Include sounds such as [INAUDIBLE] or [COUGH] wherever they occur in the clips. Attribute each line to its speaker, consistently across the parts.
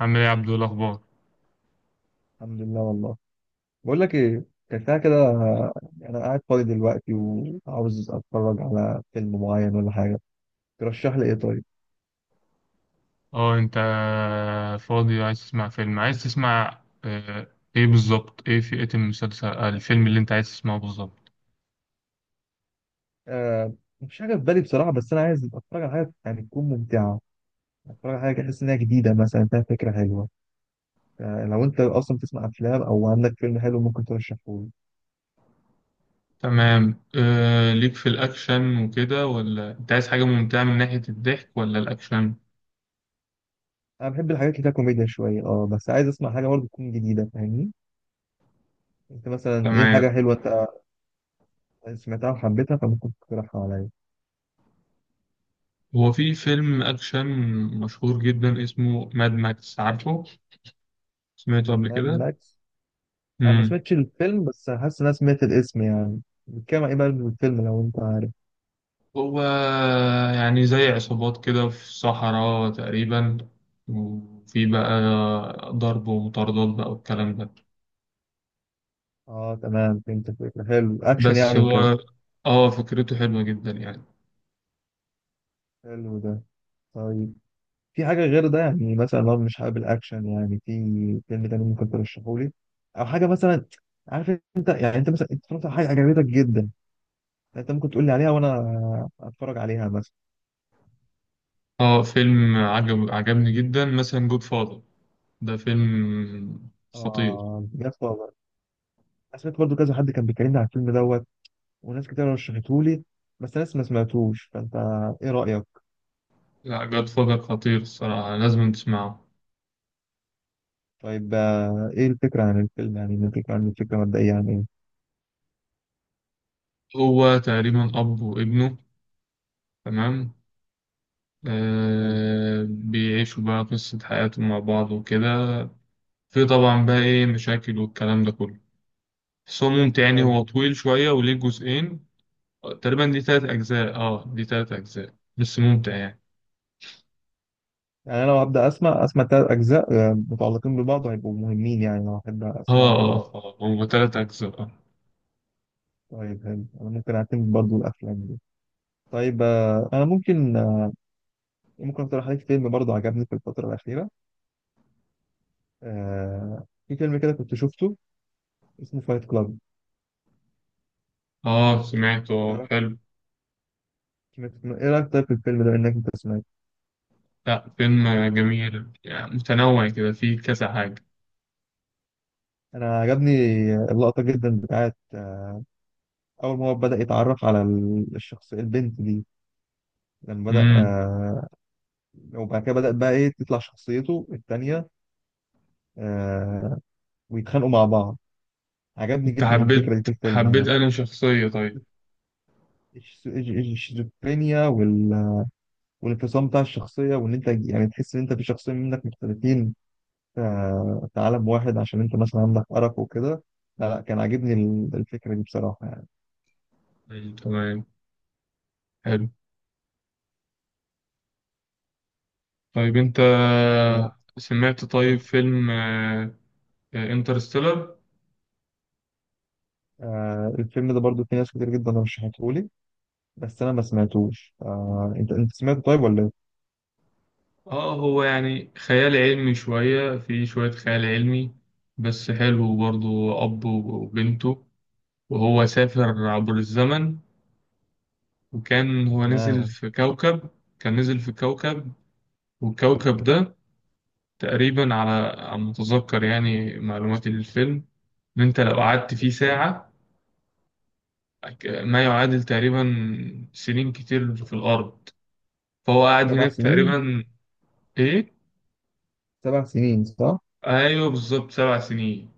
Speaker 1: عامل ايه يا عبدو؟ إيه الاخبار؟
Speaker 2: الحمد لله والله. بقول لك ايه، كان ساعة كده. انا قاعد فاضي دلوقتي وعاوز اتفرج على فيلم معين ولا حاجه، ترشح لي ايه طيب؟
Speaker 1: اه انت فاضي، عايز تسمع فيلم؟ عايز تسمع آه، ايه بالظبط؟ ايه فئة المسلسل آه، الفيلم اللي انت عايز تسمعه بالظبط؟
Speaker 2: آه، مفيش حاجه في بالي بصراحه، بس انا عايز اتفرج على حاجه يعني تكون ممتعه. اتفرج على حاجه كده احس انها جديده مثلا فيها فكره حلوه. آه لو انت اصلا بتسمع افلام او عندك فيلم حلو ممكن ترشحه لي.
Speaker 1: تمام. ليك في الأكشن وكده، ولا أنت عايز حاجة ممتعة من ناحية الضحك ولا الأكشن؟
Speaker 2: انا بحب الحاجات اللي فيها كوميديا شويه، اه بس عايز اسمع حاجه برضه تكون جديده فاهمني. انت مثلا ايه حاجه
Speaker 1: تمام.
Speaker 2: حلوه انت سمعتها وحبيتها فممكن تقترحها عليا؟
Speaker 1: هو في فيلم أكشن مشهور جدا اسمه ماد ماكس، عارفه؟ سمعته قبل
Speaker 2: ماد
Speaker 1: كده؟
Speaker 2: ماكس، انا ما سمعتش الفيلم بس حاسس ان انا سمعت الاسم، يعني بيتكلم عن ايه بقى الفيلم لو انت عارف؟
Speaker 1: هو يعني زي عصابات كده في الصحراء تقريبا، وفي بقى ضرب ومطاردات بقى والكلام ده.
Speaker 2: اه تمام، فهمت الفكره، حلو اكشن
Speaker 1: بس
Speaker 2: يعني وكده.
Speaker 1: هو، اه فكرته حلوة جدا يعني.
Speaker 2: حلو ده. طيب في حاجه غير ده يعني مثلا لو مش حابب الاكشن، يعني في فيلم تاني ممكن ترشحه لي او حاجه مثلا؟ عارف، انت يعني انت مثلا اتفرجت على حاجه عجبتك جدا انت ممكن تقول لي عليها وانا اتفرج عليها مثلا.
Speaker 1: اه فيلم عجبني جدا مثلا، جود فاذر، ده فيلم خطير.
Speaker 2: اه جاد فاذر، انا سمعت برضه كذا حد كان بيكلمني على الفيلم دوت وناس كتير رشحته لي، بس ناس ما سمعتوش، فانت ايه رايك؟
Speaker 1: لا، جود فاذر خطير، الصراحة لازم تسمعه.
Speaker 2: طيب ايه الفكرة عن الفيلم، يعني الفكرة عن الفكرة مبدئية عن ايه؟
Speaker 1: هو تقريبا أب وابنه. تمام.
Speaker 2: حلو.
Speaker 1: بيعيشوا بقى قصة حياتهم مع بعض وكده. في طبعا بقى ايه مشاكل والكلام ده كله، بس هو ممتع يعني.
Speaker 2: حلو،
Speaker 1: هو طويل شوية وليه جزئين. تقريبا دي 3 أجزاء، دي 3 أجزاء بس ممتع يعني.
Speaker 2: يعني انا لو هبدأ اسمع تلات اجزاء متعلقين ببعض هيبقوا مهمين يعني، لو احب اسمعهم كله.
Speaker 1: اه هو تلات أجزاء اه
Speaker 2: طيب حلو، انا ممكن اعتمد برضو الافلام دي. طيب آه، انا ممكن آه، ممكن اقترح عليك فيلم برضو عجبني في الفترة الأخيرة. في فيلم كده كنت شفته اسمه فايت كلاب،
Speaker 1: سمعته، حلو.
Speaker 2: ايه رأيك طيب في الفيلم ده انك انت سمعت؟
Speaker 1: لا، فيلم جميل يعني، متنوع كده، فيه كذا حاجة.
Speaker 2: انا عجبني اللقطة جدا بتاعت اول ما هو بدأ يتعرف على الشخص البنت دي، لما بدأ
Speaker 1: امم
Speaker 2: وبعد كده بدأت بقى إيه تطلع شخصيته التانية، آه ويتخانقوا مع بعض. عجبني
Speaker 1: انت
Speaker 2: جدا الفكرة دي
Speaker 1: حبيت
Speaker 2: في الفيلم
Speaker 1: حبيت
Speaker 2: يعني.
Speaker 1: أنا شخصية؟ طيب.
Speaker 2: الشيزوفرينيا والانفصام بتاع الشخصية، وإن أنت يعني تحس إن أنت في شخصين منك مختلفين، آه في عالم واحد عشان أنت مثلا عندك أرق وكده. لا كان عاجبني الفكرة دي بصراحة يعني.
Speaker 1: مم، تمام. حلو. طيب، انت
Speaker 2: طيب آه،
Speaker 1: سمعت طيب فيلم انترستيلر.
Speaker 2: الفيلم ده برضو في ناس كتير جدا رشحته لي بس أنا ما سمعتوش، آه أنت سمعته طيب ولا إيه؟
Speaker 1: اه هو يعني خيال علمي شوية، في شوية خيال علمي، بس حلو برضه. أب وبنته، وهو سافر عبر الزمن، وكان هو نزل
Speaker 2: تمام.
Speaker 1: في كوكب. كان نزل في كوكب والكوكب ده تقريبا على ما أتذكر، يعني معلومات الفيلم، إن أنت لو قعدت فيه ساعة، ما يعادل تقريبا سنين كتير في الأرض. فهو قعد
Speaker 2: سبع
Speaker 1: هناك
Speaker 2: سنين.
Speaker 1: تقريبا. إيه؟
Speaker 2: سبع سنين صح؟
Speaker 1: أيوه بالظبط، 7 سنين.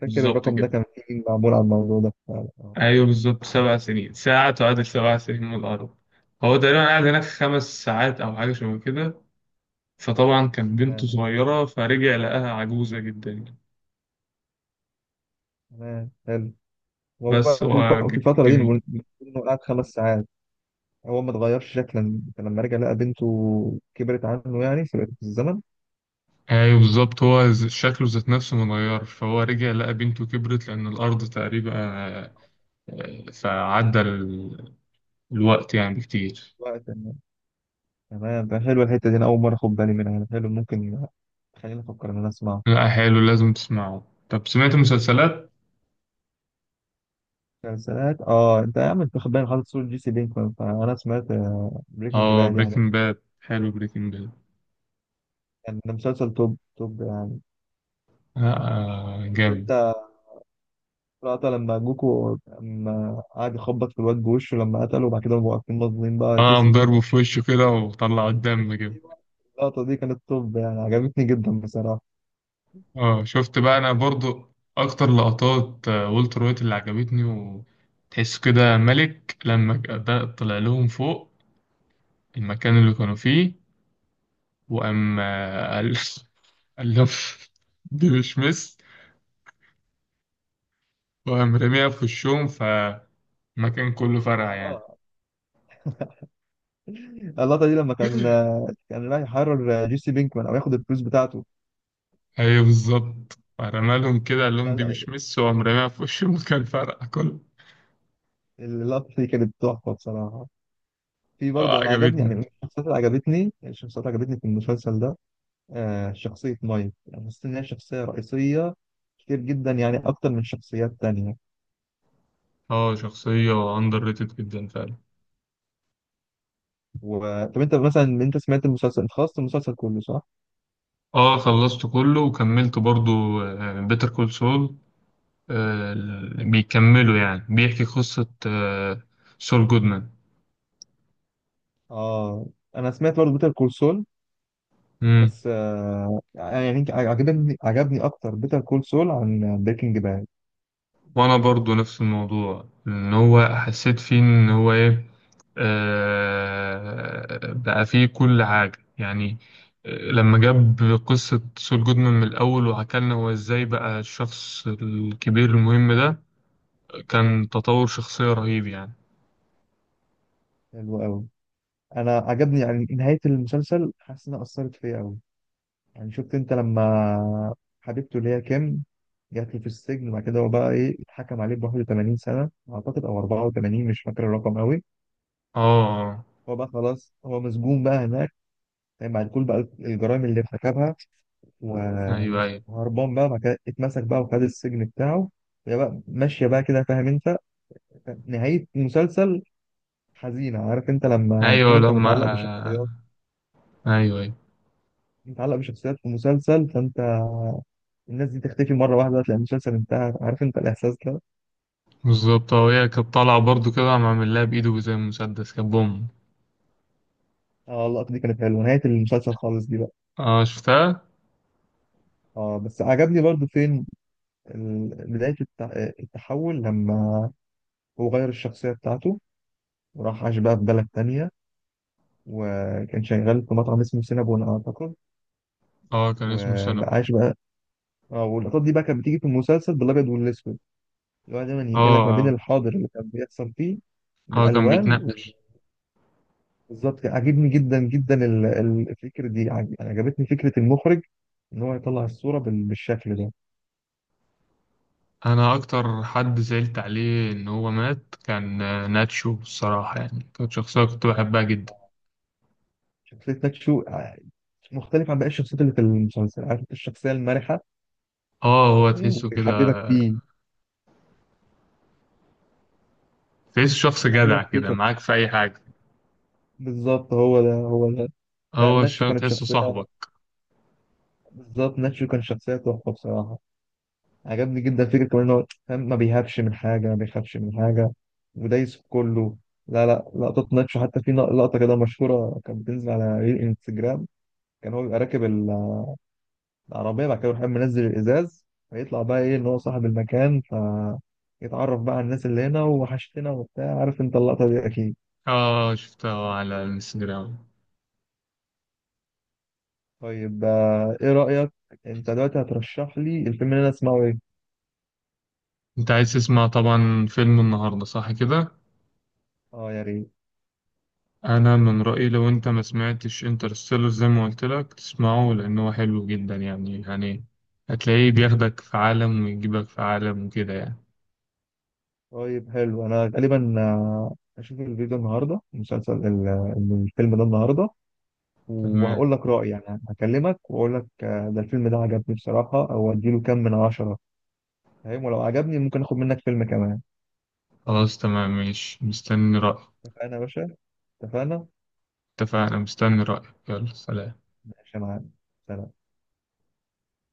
Speaker 2: فاكر
Speaker 1: بالظبط
Speaker 2: الرقم ده
Speaker 1: كده.
Speaker 2: كان فيه معمول على الموضوع ده فعلا اه.
Speaker 1: ايوه بالظبط، 7 سنين، ساعة تعادل 7 سنين من الأرض. هو تقريبا قعد هناك 5 ساعات أو حاجة شبه كده. فطبعا كان بنته
Speaker 2: تمام.
Speaker 1: صغيرة، فرجع لقاها عجوزة جدا يعني.
Speaker 2: تمام حلو. هو
Speaker 1: بس
Speaker 2: بقى في
Speaker 1: هو
Speaker 2: في الفترة دي
Speaker 1: جميل.
Speaker 2: المفروض إنه قعد خمس ساعات هو ما اتغيرش شكلا، فلما رجع لقى بنته كبرت عنه يعني سبقت في الزمن.
Speaker 1: ايوه بالظبط، هو شكله ذات نفسه متغير، فهو رجع لقى بنته كبرت لأن الأرض تقريبا، فعدى الوقت يعني بكتير.
Speaker 2: وقت إنه- تمام، ده حلوة الحتة دي، أنا أول مرة أخد بالي منها. حلو، ممكن خليني أفكر إن أنا أسمعه.
Speaker 1: لا، حلو، لازم تسمعه. طب سمعت مسلسلات؟
Speaker 2: مسلسلات اه، انت يا عم انت واخد بالك حاطط صورة جيسي بينكمان، فانا سمعت بريكنج
Speaker 1: اه،
Speaker 2: باد يعني.
Speaker 1: بريكنج باد، حلو بريكنج باد.
Speaker 2: كان ده مسلسل توب يعني. شفت
Speaker 1: جامد.
Speaker 2: رأت لما جوكو لما قعد يخبط في الواد بوشه لما قتله وبعد كده بقوا واقفين مظلومين
Speaker 1: اه،
Speaker 2: بقى جيسي
Speaker 1: قام ضربه
Speaker 2: بينكمان،
Speaker 1: في وشه كده وطلع الدم كده.
Speaker 2: اللقطة دي كانت توب يعني، عجبتني جدا بصراحة.
Speaker 1: اه، شفت بقى انا برضو اكتر لقطات والتر وايت اللي عجبتني، وتحس كده ملك لما ده طلع لهم فوق المكان اللي كانوا فيه، وقام قال [LAUGHS] قال لهم دي مش مس، وقام رميها في وشهم، فالمكان كله فرقع
Speaker 2: [LAUGHS]
Speaker 1: يعني.
Speaker 2: آه. اللقطة دي لما كان
Speaker 1: [LAUGHS]
Speaker 2: كان رايح يحرر جيسي بينكمان أو ياخد الفلوس بتاعته.
Speaker 1: ايوه بالظبط، فرمى لهم كده قال
Speaker 2: لا
Speaker 1: لهم دي
Speaker 2: لا
Speaker 1: مش مس، وقام رميها في وش المكان [LAUGHS] فرقع كله.
Speaker 2: اللقطة دي كانت تحفة بصراحة. في
Speaker 1: اه،
Speaker 2: برضه أنا عجبني يعني
Speaker 1: عجبتني.
Speaker 2: من الشخصيات اللي عجبتني، في المسلسل ده آه شخصية مايك، يعني حسيت إن هي شخصية رئيسية كتير جدا يعني أكتر من شخصيات تانية.
Speaker 1: اه، شخصية اندر ريتد جدا فعلا.
Speaker 2: و... طب أنت مثلا أنت سمعت المسلسل، أنت خلصت المسلسل كله صح؟
Speaker 1: اه، خلصت كله وكملت برضو بيتر كول سول، بيكملوا يعني بيحكي قصة سول جودمان.
Speaker 2: اه انا سمعت برضه بيتر كول سول.
Speaker 1: مم.
Speaker 2: بس آه يعني عجبني اكتر بيتر كول سول عن بريكنج باد.
Speaker 1: وانا برضو نفس الموضوع، ان هو حسيت فيه ان هو ايه، بقى فيه كل حاجة يعني. لما جاب قصة سول جودمان من الأول وحكالنا هو إزاي بقى الشخص الكبير المهم ده،
Speaker 2: اه
Speaker 1: كان تطور شخصية رهيب يعني.
Speaker 2: حلو قوي. انا عجبني يعني نهايه المسلسل، حاسس انها اثرت فيا قوي. يعني شفت انت لما حبيبته اللي هي كيم جات له في السجن وبعد كده هو بقى ايه اتحكم عليه ب 81 سنه اعتقد او 84، مش فاكر الرقم قوي.
Speaker 1: اه،
Speaker 2: هو بقى خلاص هو مسجون بقى هناك، يعني بعد كل بقى الجرائم اللي ارتكبها و-
Speaker 1: ايوه ايوه
Speaker 2: وهربان بقى وبعد كده اتمسك بقى وخد السجن بتاعه. وهي بقى ماشية بقى كده، فاهم انت؟ نهاية مسلسل حزينة، عارف انت لما تكون
Speaker 1: ايوه،
Speaker 2: انت
Speaker 1: لما
Speaker 2: متعلق
Speaker 1: آه،
Speaker 2: بشخصيات،
Speaker 1: ايوه ايوه
Speaker 2: في مسلسل، فانت الناس دي تختفي مرة واحدة تلاقي المسلسل انتهى، عارف انت الإحساس ده.
Speaker 1: بالظبط. اه، هي كانت طالعة برضو كده، عم عامل لها بايده زي مسدس، كان بوم.
Speaker 2: اه اللقطة دي كانت حلوة نهاية المسلسل خالص دي بقى.
Speaker 1: اه، شفتها.
Speaker 2: اه بس عجبني برضو فين بداية التحول لما هو غير الشخصية بتاعته وراح عاش بقى في بلد تانية، وكان شغال في مطعم اسمه سينابون أعتقد،
Speaker 1: اه، كان اسمه سينابون.
Speaker 2: وبقاش بقى. اه واللقطات دي بقى كانت بتيجي في المسلسل بالابيض والاسود، اللي هو دايما
Speaker 1: اه،
Speaker 2: ينقلك ما بين
Speaker 1: اه،
Speaker 2: الحاضر اللي كان بيحصل فيه
Speaker 1: اه، كان
Speaker 2: بالالوان.
Speaker 1: بيتنقل.
Speaker 2: بالظبط كده. عجبني جدا الفكره دي، يعني عجبتني فكره المخرج ان هو يطلع الصوره بالشكل ده.
Speaker 1: انا اكتر حد زعلت عليه ان هو مات كان ناتشو، الصراحة يعني كانت شخصية كنت بحبها جدا.
Speaker 2: شخصيه ناتشو مختلف عن باقي الشخصيات اللي في المسلسل، عارف انت الشخصيه المرحه.
Speaker 1: اه، هو
Speaker 2: مم،
Speaker 1: تحسه كده.
Speaker 2: ويحببك فيه.
Speaker 1: تحسه شخص جدع
Speaker 2: يحببك فيه
Speaker 1: كده معاك في اي حاجة.
Speaker 2: بالظبط، هو ده هو ده. لا،
Speaker 1: هو
Speaker 2: ناتشو
Speaker 1: الشخص
Speaker 2: كانت
Speaker 1: تحسه
Speaker 2: شخصيه،
Speaker 1: صاحبك.
Speaker 2: بالظبط ناتشو كان شخصيه تحفه بصراحه. عجبني جدا فكرة كمان إن هو فاهم، ما بيهابش من حاجة ما بيخافش من حاجة ودايس في كله. لا لقطات ناتشو حتى في لقطة كده مشهورة كانت بتنزل على ريل انستجرام، كان هو بيبقى راكب العربية بعد كده يروح قايم منزل الإزاز فيطلع بقى إيه إن هو صاحب المكان، فيتعرف بقى على الناس اللي هنا وحشتنا وبتاع، عارف أنت اللقطة دي أكيد.
Speaker 1: اه، شفتها على الانستجرام.
Speaker 2: طيب آه، إيه رأيك أنت دلوقتي هترشح لي الفيلم اللي أنا أسمعه إيه؟
Speaker 1: انت عايز تسمع طبعا فيلم النهاردة، صح كده؟
Speaker 2: أه يا ريت.
Speaker 1: انا من رأيي لو انت ما سمعتش انترستيلر زي ما قلت لك تسمعه، لان هو حلو جدا يعني هتلاقيه بياخدك في عالم ويجيبك في عالم وكده يعني.
Speaker 2: طيب حلو، انا غالبا آه، هشوف الفيديو النهارده المسلسل الفيلم ده النهارده،
Speaker 1: تمام،
Speaker 2: وهقول لك رأيي، يعني هكلمك واقول لك آه، ده الفيلم ده عجبني بصراحة او اديله كام من عشرة. فاهم، ولو عجبني ممكن اخد منك فيلم كمان.
Speaker 1: خلاص تمام، ماشي، مستني رأيك.
Speaker 2: اتفقنا يا باشا. اتفقنا.
Speaker 1: اتفقنا، مستني رأيك، يلا سلام.
Speaker 2: ماشي يا معلم. سلام.